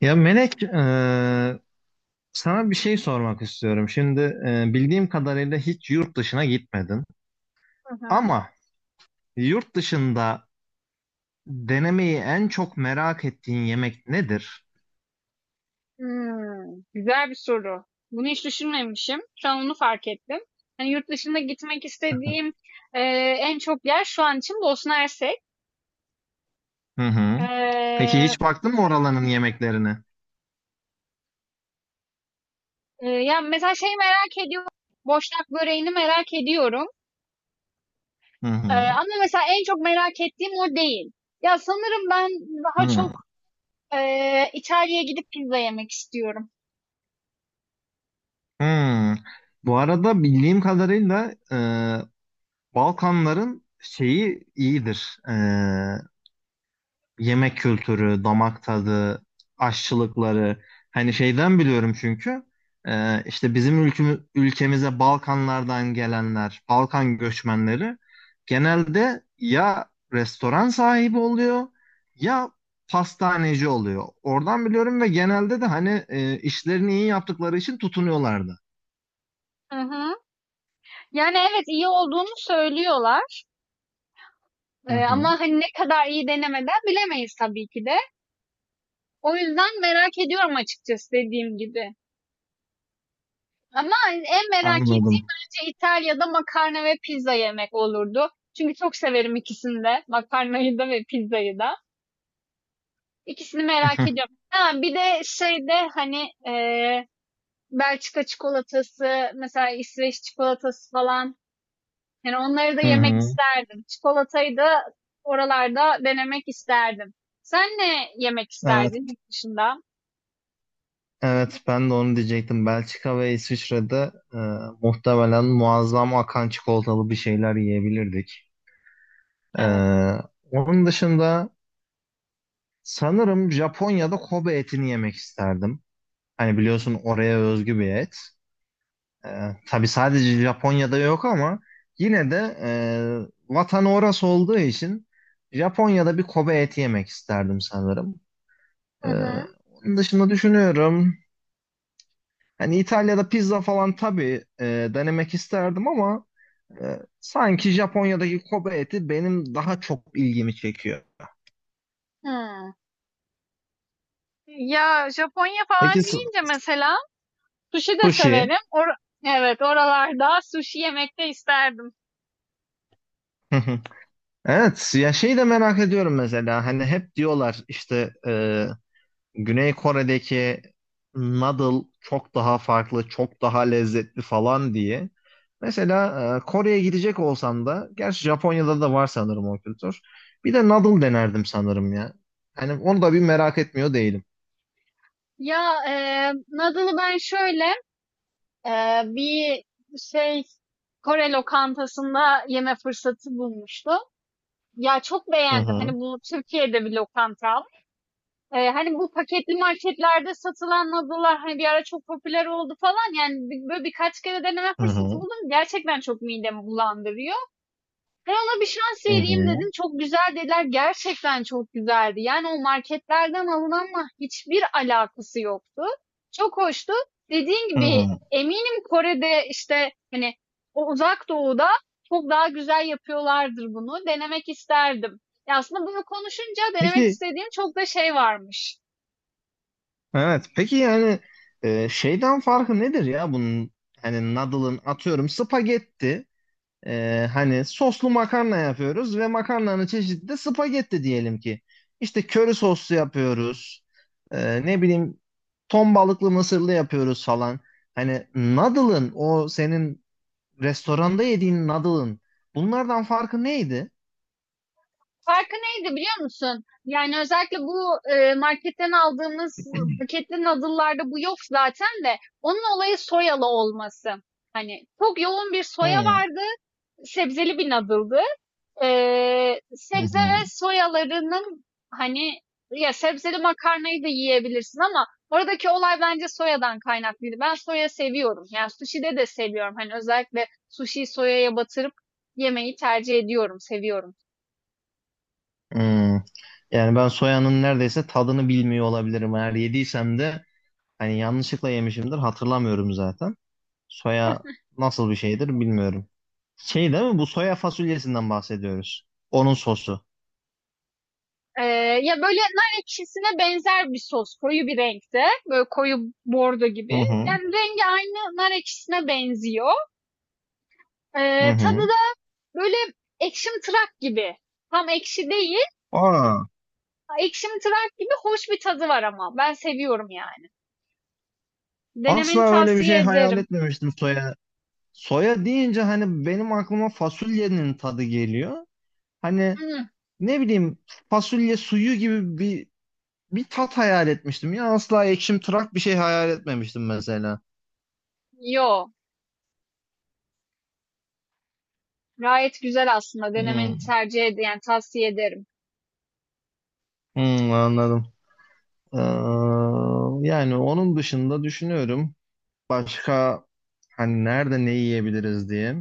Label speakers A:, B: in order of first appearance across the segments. A: Ya Melek, sana bir şey sormak istiyorum. Şimdi bildiğim kadarıyla hiç yurt dışına gitmedin.
B: Hı hı.
A: Ama yurt dışında denemeyi en çok merak ettiğin yemek nedir?
B: Hımm. Güzel bir soru. Bunu hiç düşünmemişim. Şu an onu fark ettim. Hani, yurt dışında gitmek istediğim, en çok yer şu an için Bosna Hersek.
A: Hı hı. Peki
B: Eee,
A: hiç baktın mı oraların yemeklerine?
B: ya, mesela şey merak ediyorum, boşnak böreğini merak ediyorum,
A: Hı hı.
B: ama mesela en çok merak ettiğim o değil. Ya, sanırım ben daha
A: Hı.
B: çok, İtalya'ya gidip pizza yemek istiyorum.
A: Hı. Bu arada bildiğim kadarıyla Balkanların şeyi iyidir. Yemek kültürü, damak tadı, aşçılıkları hani şeyden biliyorum çünkü işte bizim ülkemize Balkanlardan gelenler, Balkan göçmenleri genelde ya restoran sahibi oluyor ya pastaneci oluyor. Oradan biliyorum ve genelde de hani işlerini iyi yaptıkları için tutunuyorlardı.
B: Hı hı. Yani, evet, iyi olduğunu söylüyorlar,
A: Hı hı,
B: ama, hani, ne kadar iyi denemeden bilemeyiz tabii ki de. O yüzden merak ediyorum açıkçası dediğim gibi. Ama en merak ettiğim
A: anladım.
B: bence İtalya'da makarna ve pizza yemek olurdu. Çünkü çok severim ikisini de. Makarnayı da ve pizzayı da. İkisini merak ediyorum. Ha, bir de şeyde hani Belçika çikolatası, mesela İsveç çikolatası falan. Yani onları da
A: Hı
B: yemek
A: hı,
B: isterdim. Çikolatayı da oralarda denemek isterdim. Sen ne yemek
A: evet.
B: isterdin yurt dışında?
A: Evet ben de onu diyecektim. Belçika ve İsviçre'de muhtemelen muazzam akan çikolatalı bir şeyler yiyebilirdik. E,
B: Evet.
A: onun dışında sanırım Japonya'da Kobe etini yemek isterdim. Hani biliyorsun oraya özgü bir et. E, tabii sadece Japonya'da yok ama yine de vatanı orası olduğu için Japonya'da bir Kobe eti yemek isterdim sanırım. E,
B: Hı hı.
A: onun dışında düşünüyorum. Hani İtalya'da pizza falan tabii denemek isterdim ama sanki Japonya'daki Kobe eti benim daha çok ilgimi çekiyor.
B: Hı. Ya Japonya falan
A: Peki
B: deyince mesela sushi de
A: sushi?
B: severim. Evet oralarda sushi yemek de isterdim.
A: Hı hı. Evet ya şeyi de merak ediyorum mesela hani hep diyorlar işte Güney Kore'deki noodle çok daha farklı, çok daha lezzetli falan diye. Mesela Kore'ye gidecek olsam da, gerçi Japonya'da da var sanırım o kültür. Bir de noodle denerdim sanırım ya. Hani onu da bir merak etmiyor değilim.
B: Ya noodle'ı ben şöyle e, bir şey Kore lokantasında yeme fırsatı bulmuştum. Ya çok
A: Hı
B: beğendim.
A: hı,
B: Hani bu Türkiye'de bir lokanta. E, hani bu paketli marketlerde satılan noodle'lar hani bir ara çok popüler oldu falan. Yani böyle birkaç kere deneme
A: hı
B: fırsatı
A: hı,
B: buldum. Gerçekten çok midemi bulandırıyor. Ben ona bir şans
A: hı
B: vereyim
A: hı,
B: dedim. Çok güzel dediler. Gerçekten çok güzeldi. Yani o marketlerden alınanla hiçbir alakası yoktu. Çok hoştu. Dediğin
A: hı
B: gibi
A: hı.
B: eminim Kore'de işte hani o uzak doğuda çok daha güzel yapıyorlardır bunu. Denemek isterdim. Ya aslında bunu konuşunca denemek
A: Peki,
B: istediğim çok da şey varmış.
A: evet. Peki yani şeyden farkı nedir ya bunun? Hani noodle'ın atıyorum spagetti. Hani soslu makarna yapıyoruz ve makarnanın çeşidi de spagetti diyelim ki. İşte köri soslu yapıyoruz. Ne bileyim ton balıklı mısırlı yapıyoruz falan. Hani noodle'ın o senin restoranda yediğin noodle'ın bunlardan farkı neydi?
B: Farkı neydi biliyor musun? Yani özellikle bu marketten aldığımız paketli noodle'larda bu yok zaten de onun olayı soyalı olması. Hani çok yoğun bir soya
A: Hı
B: vardı, sebzeli bir noodle'dı. Sebze
A: hı.
B: ve soyalarının hani ya sebzeli makarnayı da yiyebilirsin ama oradaki olay bence soyadan kaynaklıydı. Ben soya seviyorum. Yani sushi'de de seviyorum. Hani özellikle sushi'yi soyaya batırıp yemeyi tercih ediyorum, seviyorum.
A: Hmm. Yani ben soyanın neredeyse tadını bilmiyor olabilirim. Eğer yediysem de hani yanlışlıkla yemişimdir hatırlamıyorum zaten. Soya nasıl bir şeydir bilmiyorum. Şey değil mi? Bu soya fasulyesinden bahsediyoruz. Onun sosu.
B: Ya böyle nar ekşisine benzer bir sos. Koyu bir renkte. Böyle koyu bordo
A: Hı
B: gibi.
A: hı.
B: Yani rengi aynı nar ekşisine benziyor.
A: Hı
B: Tadı
A: hı.
B: da böyle ekşimtırak gibi. Tam ekşi değil.
A: Aa,
B: Ekşimtırak gibi hoş bir tadı var ama. Ben seviyorum yani.
A: asla
B: Denemeni
A: öyle bir
B: tavsiye
A: şey hayal
B: ederim.
A: etmemiştim soya. Soya deyince hani benim aklıma fasulyenin tadı geliyor. Hani
B: Hmm,
A: ne bileyim fasulye suyu gibi bir tat hayal etmiştim ya asla ekşim tırak bir şey hayal etmemiştim mesela.
B: yo. Gayet güzel aslında. Denemeni
A: Hmm,
B: tercih ederim. Yani tavsiye ederim.
A: hmm, anladım. Ee, yani onun dışında düşünüyorum başka hani nerede ne yiyebiliriz diye.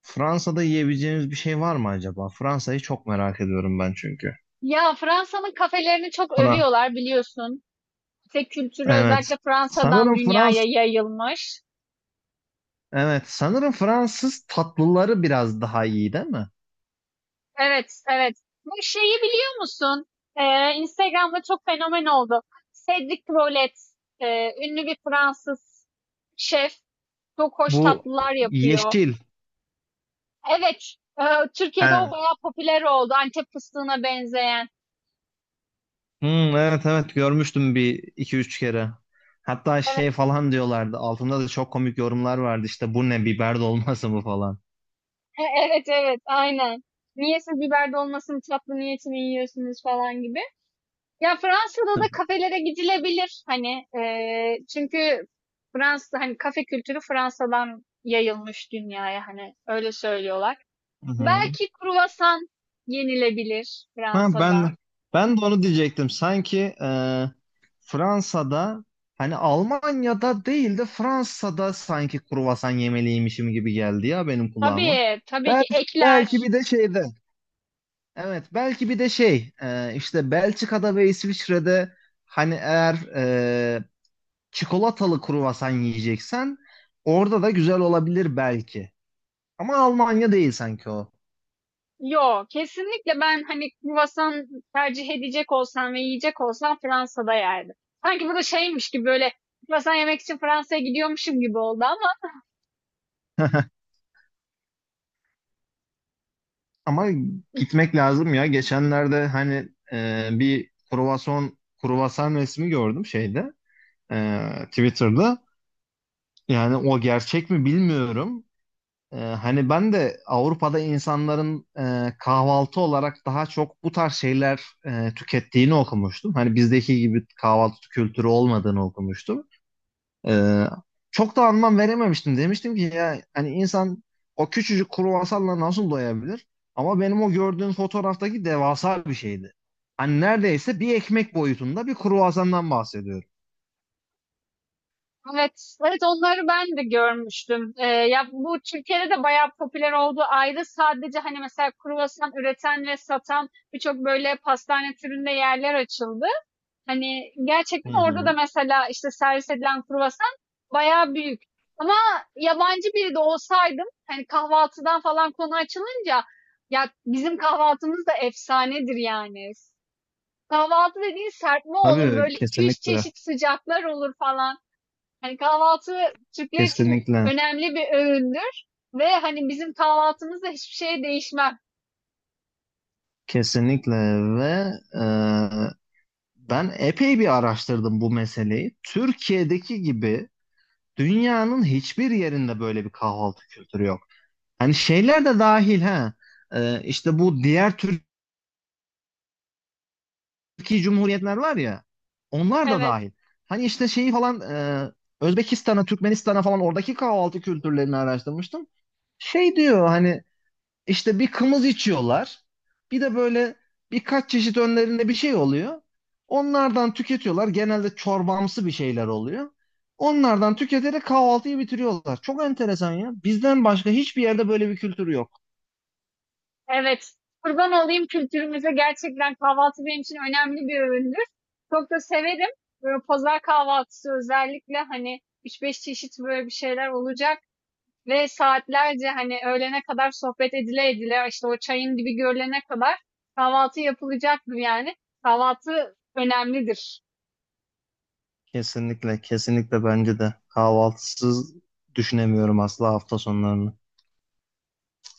A: Fransa'da yiyebileceğimiz bir şey var mı acaba? Fransa'yı çok merak ediyorum ben çünkü.
B: Ya Fransa'nın kafelerini çok
A: Fra
B: övüyorlar biliyorsun. Tek kültürü
A: evet.
B: özellikle Fransa'dan
A: Sanırım
B: dünyaya
A: Frans
B: yayılmış.
A: evet sanırım Fransız tatlıları biraz daha iyi değil mi?
B: Evet, evet. Bu şeyi biliyor musun? Instagram'da çok fenomen oldu. Cédric Rollet, e, ünlü bir Fransız şef, çok hoş
A: Bu
B: tatlılar yapıyor.
A: yeşil.
B: Evet, e,
A: He.
B: Türkiye'de o bayağı popüler oldu. Antep fıstığına benzeyen.
A: Hmm, evet evet görmüştüm bir iki üç kere. Hatta
B: Evet,
A: şey falan diyorlardı. Altında da çok komik yorumlar vardı. İşte bu ne biber dolması mı falan.
B: evet, evet, aynen. Niye siz biber dolmasının tatlı niyetini yiyorsunuz falan gibi. Ya Fransa'da da kafelere gidilebilir hani çünkü Fransa hani kafe kültürü Fransa'dan yayılmış dünyaya hani öyle söylüyorlar.
A: Hı hı.
B: Belki kruvasan yenilebilir
A: Ha,
B: Fransa'da.
A: ben de onu diyecektim. Sanki Fransa'da hani Almanya'da değil de Fransa'da sanki kruvasan yemeliymişim gibi geldi ya benim kulağıma.
B: Tabii tabii ki
A: Bel belki
B: ekler.
A: bir de şeyde. Evet belki bir de şey işte Belçika'da ve İsviçre'de hani eğer çikolatalı kruvasan yiyeceksen orada da güzel olabilir belki. Ama Almanya değil sanki o.
B: Yo kesinlikle ben hani kruvasan tercih edecek olsam ve yiyecek olsam Fransa'da yerdim. Sanki bu da şeymiş gibi böyle kruvasan yemek için Fransa'ya gidiyormuşum gibi oldu ama
A: Ama gitmek lazım ya. Geçenlerde hani bir kruvasan resmi gördüm şeyde Twitter'da. Yani o gerçek mi bilmiyorum. Hani ben de Avrupa'da insanların kahvaltı olarak daha çok bu tarz şeyler tükettiğini okumuştum. Hani bizdeki gibi kahvaltı kültürü olmadığını okumuştum. Ee, çok da anlam verememiştim. Demiştim ki ya hani insan o küçücük kruvasanla nasıl doyabilir? Ama benim o gördüğün fotoğraftaki devasa bir şeydi. Hani neredeyse bir ekmek boyutunda bir kruvasandan bahsediyorum.
B: evet, evet onları ben de görmüştüm. Ya bu Türkiye'de de bayağı popüler oldu. Ayrı sadece hani mesela kruvasan üreten ve satan birçok böyle pastane türünde yerler açıldı. Hani
A: Hı
B: gerçekten orada da
A: hı.
B: mesela işte servis edilen kruvasan bayağı büyük. Ama yabancı biri de olsaydım hani kahvaltıdan falan konu açılınca ya bizim kahvaltımız da efsanedir yani. Kahvaltı dediğin serpme olur
A: Tabii
B: böyle iki üç
A: kesinlikle,
B: çeşit sıcaklar olur falan. Hani kahvaltı Türkler için
A: kesinlikle,
B: önemli bir öğündür ve hani bizim kahvaltımızda hiçbir şey değişmem.
A: kesinlikle ve ben epey bir araştırdım bu meseleyi. Türkiye'deki gibi dünyanın hiçbir yerinde böyle bir kahvaltı kültürü yok. Hani şeyler de dahil ha. İşte bu diğer Türkiye Cumhuriyetler var ya. Onlar da
B: Evet,
A: dahil. Hani işte şeyi falan e, Özbekistan'a, Türkmenistan'a falan oradaki kahvaltı kültürlerini araştırmıştım. Şey diyor hani işte bir kımız içiyorlar. Bir de böyle birkaç çeşit önlerinde bir şey oluyor. Onlardan tüketiyorlar. Genelde çorbamsı bir şeyler oluyor. Onlardan tüketerek kahvaltıyı bitiriyorlar. Çok enteresan ya. Bizden başka hiçbir yerde böyle bir kültür yok.
B: evet. Kurban olayım kültürümüze gerçekten kahvaltı benim için önemli bir öğündür. Çok da severim. Böyle pazar kahvaltısı özellikle hani üç beş çeşit böyle bir şeyler olacak ve saatlerce hani öğlene kadar sohbet edile edile işte o çayın dibi görülene kadar kahvaltı yapılacaktır yani. Kahvaltı önemlidir.
A: Kesinlikle, kesinlikle bence de. Kahvaltısız düşünemiyorum asla hafta sonlarını.